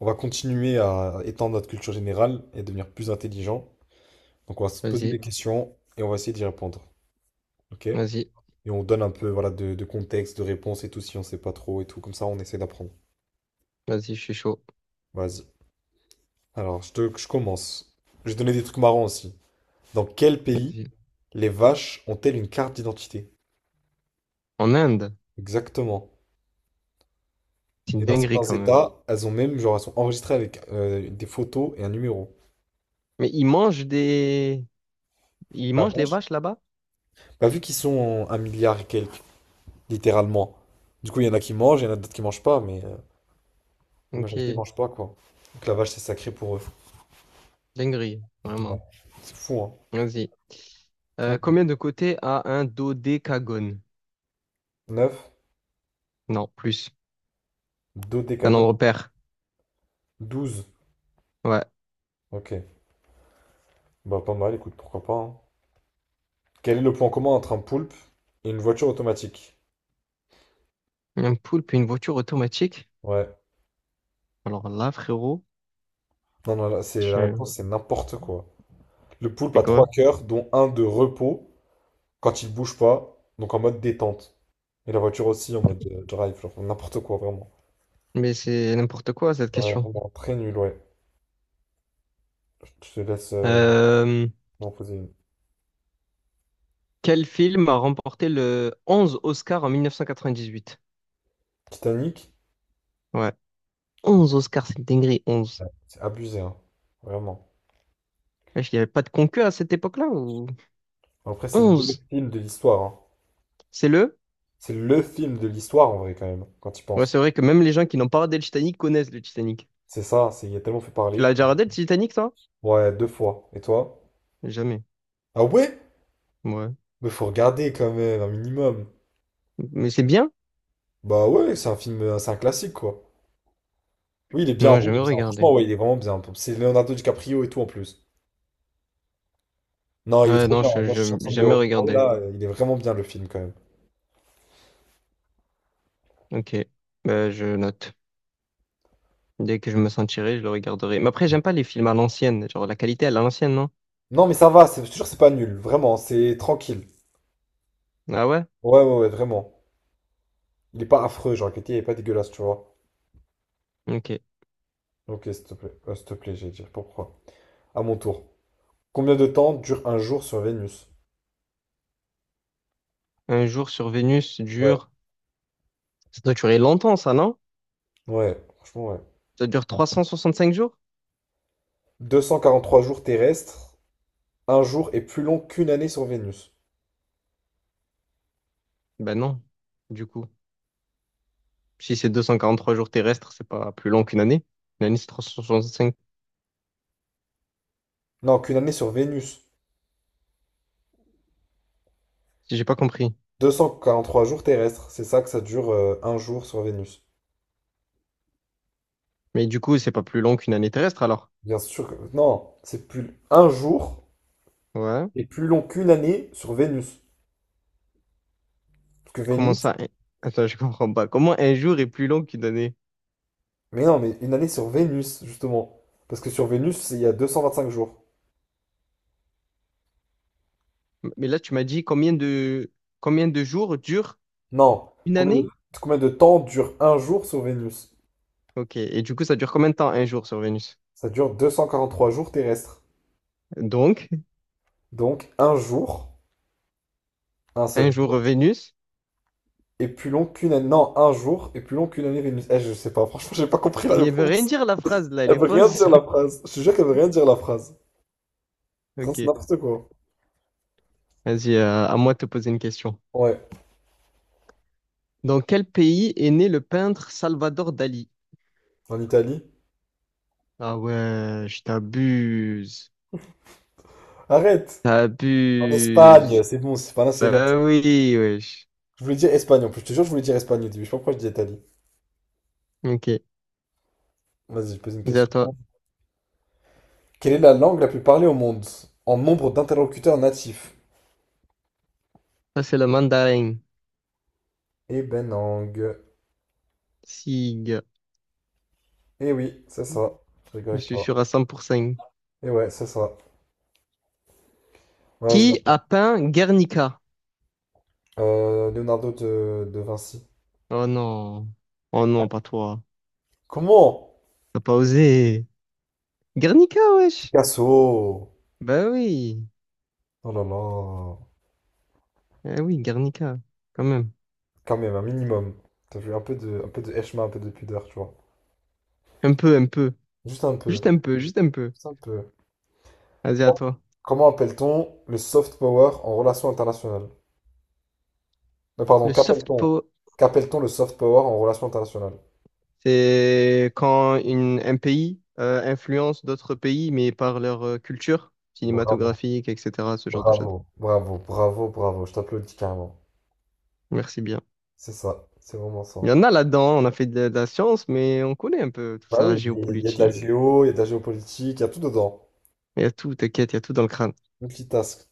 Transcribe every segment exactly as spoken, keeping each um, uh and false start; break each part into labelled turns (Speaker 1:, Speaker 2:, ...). Speaker 1: On va continuer à étendre notre culture générale et devenir plus intelligent. Donc, on va se poser des
Speaker 2: Vas-y,
Speaker 1: questions et on va essayer d'y répondre. OK?
Speaker 2: vas-y,
Speaker 1: Et on donne un peu voilà, de, de contexte, de réponse et tout si on sait pas trop et tout. Comme ça, on essaie d'apprendre.
Speaker 2: vas-y, je suis chaud.
Speaker 1: Vas-y. Alors, je te, je commence. Je vais donner des trucs marrants aussi. Dans quel pays
Speaker 2: Vas-y.
Speaker 1: les vaches ont-elles une carte d'identité?
Speaker 2: En Inde,
Speaker 1: Exactement.
Speaker 2: c'est une
Speaker 1: Et dans
Speaker 2: dinguerie
Speaker 1: certains
Speaker 2: quand même.
Speaker 1: États, elles ont même, genre, elles sont enregistrées avec euh, des photos et un numéro.
Speaker 2: Mais ils mangent des... Ils
Speaker 1: La
Speaker 2: mangent les
Speaker 1: vache,
Speaker 2: vaches là-bas?
Speaker 1: bah, vu qu'ils sont en un milliard et quelques littéralement. Du coup, il y en a qui mangent, il y en a d'autres qui mangent pas, mais euh, la
Speaker 2: Ok,
Speaker 1: majorité mange pas, quoi. Donc la vache, c'est sacré pour eux.
Speaker 2: dinguerie,
Speaker 1: Ouais.
Speaker 2: vraiment.
Speaker 1: C'est fou, hein.
Speaker 2: Vas-y. Euh,
Speaker 1: Un,
Speaker 2: combien de côtés a un dodécagone?
Speaker 1: neuf,
Speaker 2: Non, plus. C'est un nombre
Speaker 1: dodécadone,
Speaker 2: pair.
Speaker 1: douze.
Speaker 2: Ouais.
Speaker 1: Ok, bah pas mal, écoute, pourquoi pas, hein. Quel est le point commun entre un poulpe et une voiture automatique?
Speaker 2: Un poulpe et une voiture automatique?
Speaker 1: Ouais,
Speaker 2: Alors là, frérot,
Speaker 1: non, non, là, c'est la
Speaker 2: je...
Speaker 1: réponse, c'est n'importe quoi. Le poulpe
Speaker 2: C'est
Speaker 1: a trois
Speaker 2: quoi?
Speaker 1: cœurs, dont un de repos quand il bouge pas, donc en mode détente. Et la voiture aussi en mode euh, drive, genre n'importe quoi, vraiment.
Speaker 2: Mais c'est n'importe quoi, cette
Speaker 1: Ouais,
Speaker 2: question.
Speaker 1: vraiment, très nul, ouais. Je te laisse euh,
Speaker 2: Euh,
Speaker 1: m'en poser une.
Speaker 2: Quel film a remporté le onze Oscar en mille neuf cent quatre-vingt-dix-huit?
Speaker 1: Titanic,
Speaker 2: Ouais, onze Oscars, c'est une dinguerie, onze.
Speaker 1: c'est abusé, hein. Vraiment.
Speaker 2: Wesh, il n'y avait pas de concours à cette époque-là ou.
Speaker 1: Après, c'est
Speaker 2: Onze,
Speaker 1: le film de l'histoire, hein.
Speaker 2: c'est le?
Speaker 1: C'est le film de l'histoire, en vrai, quand même, quand tu
Speaker 2: Ouais,
Speaker 1: penses.
Speaker 2: c'est vrai que même les gens qui n'ont pas regardé le Titanic connaissent le Titanic.
Speaker 1: C'est ça, c'est, il a tellement fait
Speaker 2: Tu
Speaker 1: parler.
Speaker 2: l'as déjà regardé le Titanic, toi?
Speaker 1: Ouais, deux fois. Et toi?
Speaker 2: Jamais.
Speaker 1: Ah ouais?
Speaker 2: Ouais.
Speaker 1: Mais faut regarder, quand même, un minimum.
Speaker 2: Mais c'est bien?
Speaker 1: Bah ouais, c'est un film, euh, c'est un classique, quoi. Oui, il est bien, en
Speaker 2: Non,
Speaker 1: vrai, il est
Speaker 2: jamais
Speaker 1: bien.
Speaker 2: regardé.
Speaker 1: Franchement, ouais, il est vraiment bien. C'est Leonardo DiCaprio et tout, en plus. Non, il est
Speaker 2: Ouais,
Speaker 1: trop
Speaker 2: non,
Speaker 1: bien.
Speaker 2: je,
Speaker 1: Moi je suis en
Speaker 2: je-
Speaker 1: train de me
Speaker 2: jamais
Speaker 1: remémorer,
Speaker 2: regardé.
Speaker 1: là. euh, Il est vraiment bien, le film, quand même.
Speaker 2: Ok. Bah, je note. Dès que je me sentirai, je le regarderai. Mais après, j'aime pas les films à l'ancienne. Genre, la qualité à l'ancienne, non?
Speaker 1: Non, mais ça va, c'est sûr, c'est pas nul. Vraiment, c'est tranquille.
Speaker 2: Ah ouais?
Speaker 1: Ouais, ouais, ouais, vraiment. Il est pas affreux, genre Ketty, il est pas dégueulasse, tu vois.
Speaker 2: Ok.
Speaker 1: Ok, s'il te plaît. Euh, s'il te plaît, j'ai dit pourquoi. À mon tour. Combien de temps dure un jour sur Vénus?
Speaker 2: Un jour sur Vénus
Speaker 1: Ouais.
Speaker 2: dure. Ça doit durer longtemps, ça, non?
Speaker 1: Ouais, franchement, ouais.
Speaker 2: Ça dure trois cent soixante-cinq jours?
Speaker 1: Deux cent quarante trois jours terrestres. Un jour est plus long qu'une année sur Vénus.
Speaker 2: Ben non, du coup. Si c'est deux cent quarante-trois jours terrestres, c'est pas plus long qu'une année. Une année, c'est trois cent soixante-cinq,
Speaker 1: Non, qu'une année sur Vénus.
Speaker 2: si j'ai pas compris.
Speaker 1: Deux cent quarante trois jours terrestres. C'est ça que ça dure euh, un jour sur Vénus.
Speaker 2: Mais du coup, c'est pas plus long qu'une année terrestre, alors.
Speaker 1: Bien sûr que... Non, c'est plus... Un jour
Speaker 2: Ouais.
Speaker 1: est plus long qu'une année sur Vénus. Parce que
Speaker 2: Comment
Speaker 1: Vénus...
Speaker 2: ça? un- Attends, je comprends pas. Comment un jour est plus long qu'une année?
Speaker 1: Mais non, mais une année sur Vénus, justement. Parce que sur Vénus, c'est- il y a deux cent vingt cinq jours.
Speaker 2: Mais là, tu m'as dit combien de combien de jours dure
Speaker 1: Non.
Speaker 2: une
Speaker 1: Combien de,
Speaker 2: année?
Speaker 1: combien de temps dure un jour sur Vénus?
Speaker 2: Ok. Et du coup, ça dure combien de temps un jour sur Vénus?
Speaker 1: Ça dure deux cent quarante trois jours terrestres.
Speaker 2: Donc,
Speaker 1: Donc un jour, un
Speaker 2: un
Speaker 1: seul
Speaker 2: jour
Speaker 1: jour,
Speaker 2: Vénus.
Speaker 1: est plus long qu'une année. Non, un jour est plus long qu'une année Vénus. Eh, je sais pas, franchement, j'ai pas compris la
Speaker 2: Mais elle veut rien
Speaker 1: réponse.
Speaker 2: dire la phrase là, elle
Speaker 1: Elle
Speaker 2: est
Speaker 1: veut rien
Speaker 2: fausse.
Speaker 1: dire la phrase. Je te jure qu'elle veut rien dire la phrase. Vraiment, c'est
Speaker 2: Ok.
Speaker 1: n'importe quoi.
Speaker 2: Vas-y, euh, à moi de te poser une question.
Speaker 1: Ouais,
Speaker 2: Dans quel pays est né le peintre Salvador Dali?
Speaker 1: en Italie.
Speaker 2: Ah ouais, je t'abuse.
Speaker 1: Arrête! En
Speaker 2: T'abuses.
Speaker 1: Espagne, c'est bon, c'est pas l'un, c'est l'autre.
Speaker 2: Ben oui, wesh.
Speaker 1: Je voulais dire Espagne en plus, je te jure, je voulais dire Espagne au début. Je sais pas pourquoi je dis Italie.
Speaker 2: Ok,
Speaker 1: Vas-y, je pose une
Speaker 2: vas-y à
Speaker 1: question.
Speaker 2: toi.
Speaker 1: Quelle est la langue la plus parlée au monde en nombre d'interlocuteurs natifs?
Speaker 2: Ça, c'est le mandarin.
Speaker 1: Et Benang.
Speaker 2: Sig.
Speaker 1: Et oui, c'est ça. Je rigole
Speaker 2: Je
Speaker 1: avec
Speaker 2: suis
Speaker 1: toi.
Speaker 2: sûr à cent pour cent.
Speaker 1: Et ouais, c'est ça. Vas-y, à
Speaker 2: Qui
Speaker 1: toi.
Speaker 2: a peint Guernica?
Speaker 1: Euh, Leonardo de, de Vinci.
Speaker 2: Oh non. Oh non, pas toi.
Speaker 1: Comment?
Speaker 2: T'as pas osé. Guernica, wesh.
Speaker 1: Picasso!
Speaker 2: Bah oui.
Speaker 1: Oh là là.
Speaker 2: Eh oui, Guernica. Quand même.
Speaker 1: Quand même, un minimum. T'as vu un peu de, un peu de Eshma, un peu de pudeur, tu vois.
Speaker 2: Un peu, un peu.
Speaker 1: Juste un peu.
Speaker 2: Juste un peu, juste un peu.
Speaker 1: Juste un peu.
Speaker 2: Vas-y, à toi.
Speaker 1: Comment appelle-t-on le soft power en relation internationale? Euh, pardon,
Speaker 2: Le soft.
Speaker 1: qu'appelle-t-on? Qu'appelle-t-on le soft power en relation internationale?
Speaker 2: C'est quand une- un pays euh, influence d'autres pays, mais par leur euh, culture
Speaker 1: Bravo,
Speaker 2: cinématographique, et cetera, ce genre de choses.
Speaker 1: bravo, bravo, bravo, bravo. Je t'applaudis carrément.
Speaker 2: Merci bien.
Speaker 1: C'est ça. C'est vraiment ça.
Speaker 2: Il y en a là-dedans, on a fait de, de la science, mais on connaît un peu tout
Speaker 1: Bah oui,
Speaker 2: ça,
Speaker 1: il y a il y a de la
Speaker 2: géopolitique.
Speaker 1: géo, il y a de la géopolitique, il y a tout dedans.
Speaker 2: Il y a tout, t'inquiète, il y a tout dans le crâne.
Speaker 1: Multitask.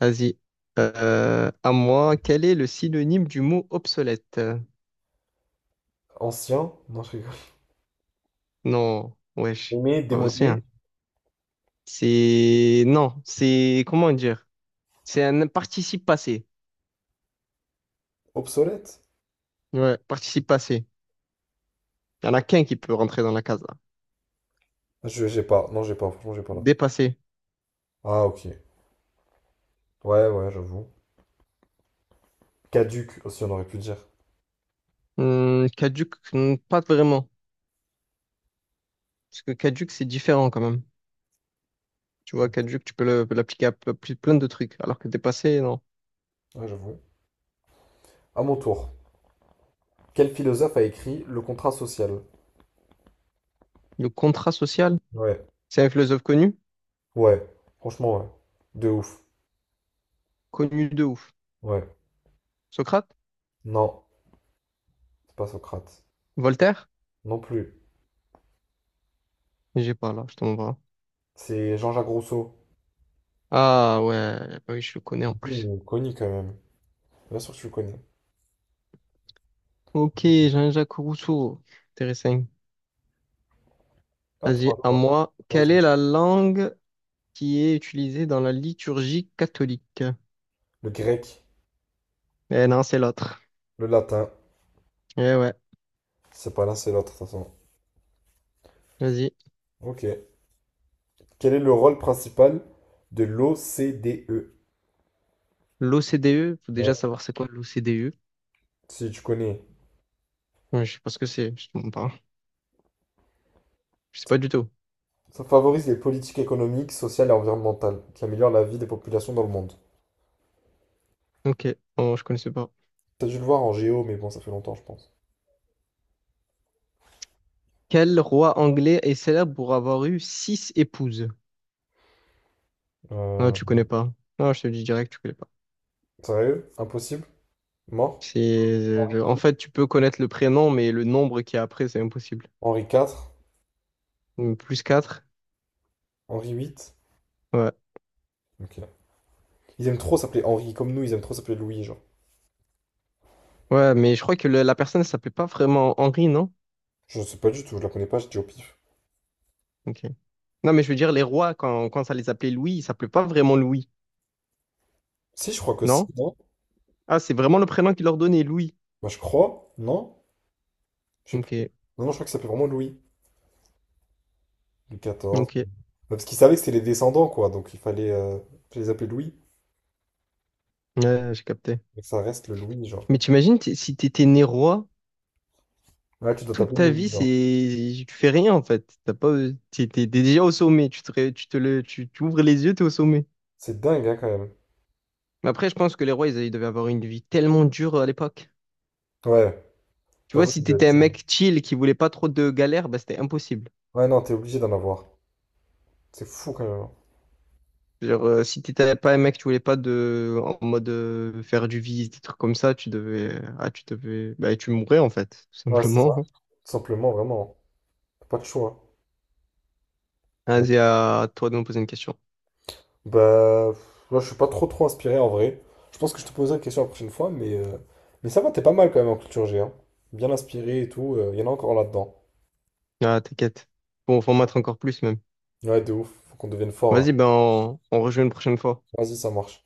Speaker 2: Vas-y. Euh, à moi, quel est le synonyme du mot obsolète?
Speaker 1: Ancien, non, je rigole.
Speaker 2: Non, wesh,
Speaker 1: Aimé,
Speaker 2: pas aussi,
Speaker 1: démodé,
Speaker 2: hein. C'est. Non, c'est. Comment dire? C'est un participe passé.
Speaker 1: obsolète.
Speaker 2: Ouais, participe passé. Il n'y en a qu'un qui peut rentrer dans la case.
Speaker 1: Je, j'ai pas, non, j'ai pas, franchement, j'ai pas là.
Speaker 2: Dépassé.
Speaker 1: Ah, ok. Ouais, ouais, j'avoue. Caduc aussi, on aurait pu dire.
Speaker 2: Hum, caduc, hum, pas vraiment. Parce que caduc, c'est différent quand même. Tu vois, caduc, tu peux le- l'appliquer à ple- ple- plein de trucs. Alors que dépassé, non.
Speaker 1: Ouais, j'avoue. À mon tour. Quel philosophe a écrit Le contrat social?
Speaker 2: Le contrat social,
Speaker 1: Ouais,
Speaker 2: c'est un philosophe connu,
Speaker 1: ouais, franchement, ouais. De ouf.
Speaker 2: connu de ouf.
Speaker 1: Ouais.
Speaker 2: Socrate?
Speaker 1: Non, c'est pas Socrate.
Speaker 2: Voltaire?
Speaker 1: Non plus.
Speaker 2: J'ai pas là, je tombe pas.
Speaker 1: C'est Jean-Jacques Rousseau.
Speaker 2: Ah ouais, bah oui, je le connais en
Speaker 1: Il
Speaker 2: plus.
Speaker 1: est connu quand même. Bien sûr que tu le connais.
Speaker 2: Ok, Jean-Jacques Rousseau. Intéressant.
Speaker 1: À toi,
Speaker 2: Vas-y,
Speaker 1: à
Speaker 2: à
Speaker 1: toi.
Speaker 2: moi.
Speaker 1: Vas-y.
Speaker 2: Quelle est la langue qui est utilisée dans la liturgie catholique?
Speaker 1: Le grec,
Speaker 2: Eh non, c'est l'autre.
Speaker 1: le latin.
Speaker 2: Eh ouais,
Speaker 1: C'est pas l'un, c'est l'autre, de toute façon.
Speaker 2: vas-y.
Speaker 1: Ok. Quel est le rôle principal de l'O C D E?
Speaker 2: L'O C D E, faut déjà
Speaker 1: Ouais,
Speaker 2: savoir c'est quoi l'O C D E.
Speaker 1: si tu connais.
Speaker 2: Ouais, je sais pas ce que c'est, je te mens pas. Je sais pas du tout.
Speaker 1: Ça favorise les politiques économiques, sociales et environnementales, qui améliorent la vie des populations dans le monde.
Speaker 2: Ok, bon, je connaissais pas.
Speaker 1: T'as dû le voir en géo, mais bon, ça fait longtemps, je pense.
Speaker 2: Quel roi anglais est célèbre pour avoir eu six épouses? Non,
Speaker 1: Euh,
Speaker 2: tu connais pas. Non, je te le dis direct, tu connais pas.
Speaker 1: Sérieux? Impossible? Mort?
Speaker 2: C'est,
Speaker 1: Henri
Speaker 2: euh, En
Speaker 1: deux?
Speaker 2: fait, tu peux connaître le prénom, mais le nombre qui est après, c'est impossible.
Speaker 1: Henri quatre?
Speaker 2: Donc, plus quatre.
Speaker 1: Henri huit?
Speaker 2: Ouais.
Speaker 1: Ok. Ils aiment trop s'appeler Henri, comme nous, ils aiment trop s'appeler Louis, genre.
Speaker 2: Ouais, mais je crois que le- la personne ne s'appelait pas vraiment Henri, non?
Speaker 1: Je sais pas du tout, je la connais pas, je dis au pif.
Speaker 2: Ok. Non, mais je veux dire, les rois, quand, quand ça les appelait Louis, ils s'appelaient pas vraiment Louis,
Speaker 1: Si, je crois que si,
Speaker 2: non?
Speaker 1: non?
Speaker 2: Ah, c'est vraiment le prénom qu'ils leur donnait, Louis.
Speaker 1: Bah, je crois, non? Je sais plus.
Speaker 2: Ok.
Speaker 1: Non, non, je crois que ça s'appelle vraiment Louis. Louis quatorze.
Speaker 2: Ok.
Speaker 1: Bah, parce qu'ils savaient que c'était les descendants, quoi. Donc il fallait euh, les appeler Louis.
Speaker 2: Ouais, j'ai capté.
Speaker 1: Donc ça reste le Louis, genre.
Speaker 2: Mais t'imagines, t- si t'étais né roi,
Speaker 1: Ouais, tu dois
Speaker 2: toute
Speaker 1: t'appeler
Speaker 2: ta
Speaker 1: Louis,
Speaker 2: vie,
Speaker 1: genre.
Speaker 2: c'est, tu fais rien, en fait. T'as pas, t'es t'es- t'es déjà au sommet. Tu te, ré- tu te le, Tu t'ouvres les yeux, t'es au sommet.
Speaker 1: C'est dingue, hein, quand même.
Speaker 2: Mais après, je pense que les rois, ils, ils devaient avoir une vie tellement dure à l'époque.
Speaker 1: Ouais,
Speaker 2: Tu vois,
Speaker 1: j'avoue, ça
Speaker 2: si
Speaker 1: doit
Speaker 2: t'étais
Speaker 1: être
Speaker 2: un
Speaker 1: ça.
Speaker 2: mec chill qui voulait pas trop de galères, bah, c'était impossible.
Speaker 1: Ouais, non, t'es obligé d'en avoir. C'est fou, quand même, hein.
Speaker 2: Genre, euh, si t'étais pas un mec qui voulait pas de, en mode, euh, faire du vice, des trucs comme ça, tu devais, ah, tu devais, bah, tu mourrais, en fait, tout
Speaker 1: Ouais, c'est
Speaker 2: simplement.
Speaker 1: ça. Tout simplement, vraiment. T'as pas de choix, hein. Non.
Speaker 2: Vas-y, à toi de me poser une question.
Speaker 1: Bah, pff, là, je suis pas trop trop inspiré, en vrai. Je pense que je te poserai la question la prochaine fois, mais, euh, mais ça va, t'es pas mal, quand même, en culture G, hein. Bien inspiré et tout. euh, Il y en a encore là-dedans.
Speaker 2: Ah, t'inquiète. Bon, faut en mettre encore plus, même.
Speaker 1: Ouais, de ouf. Faut qu'on devienne fort, là.
Speaker 2: Vas-y, ben on, on rejoue une prochaine fois.
Speaker 1: Vas-y, ça marche.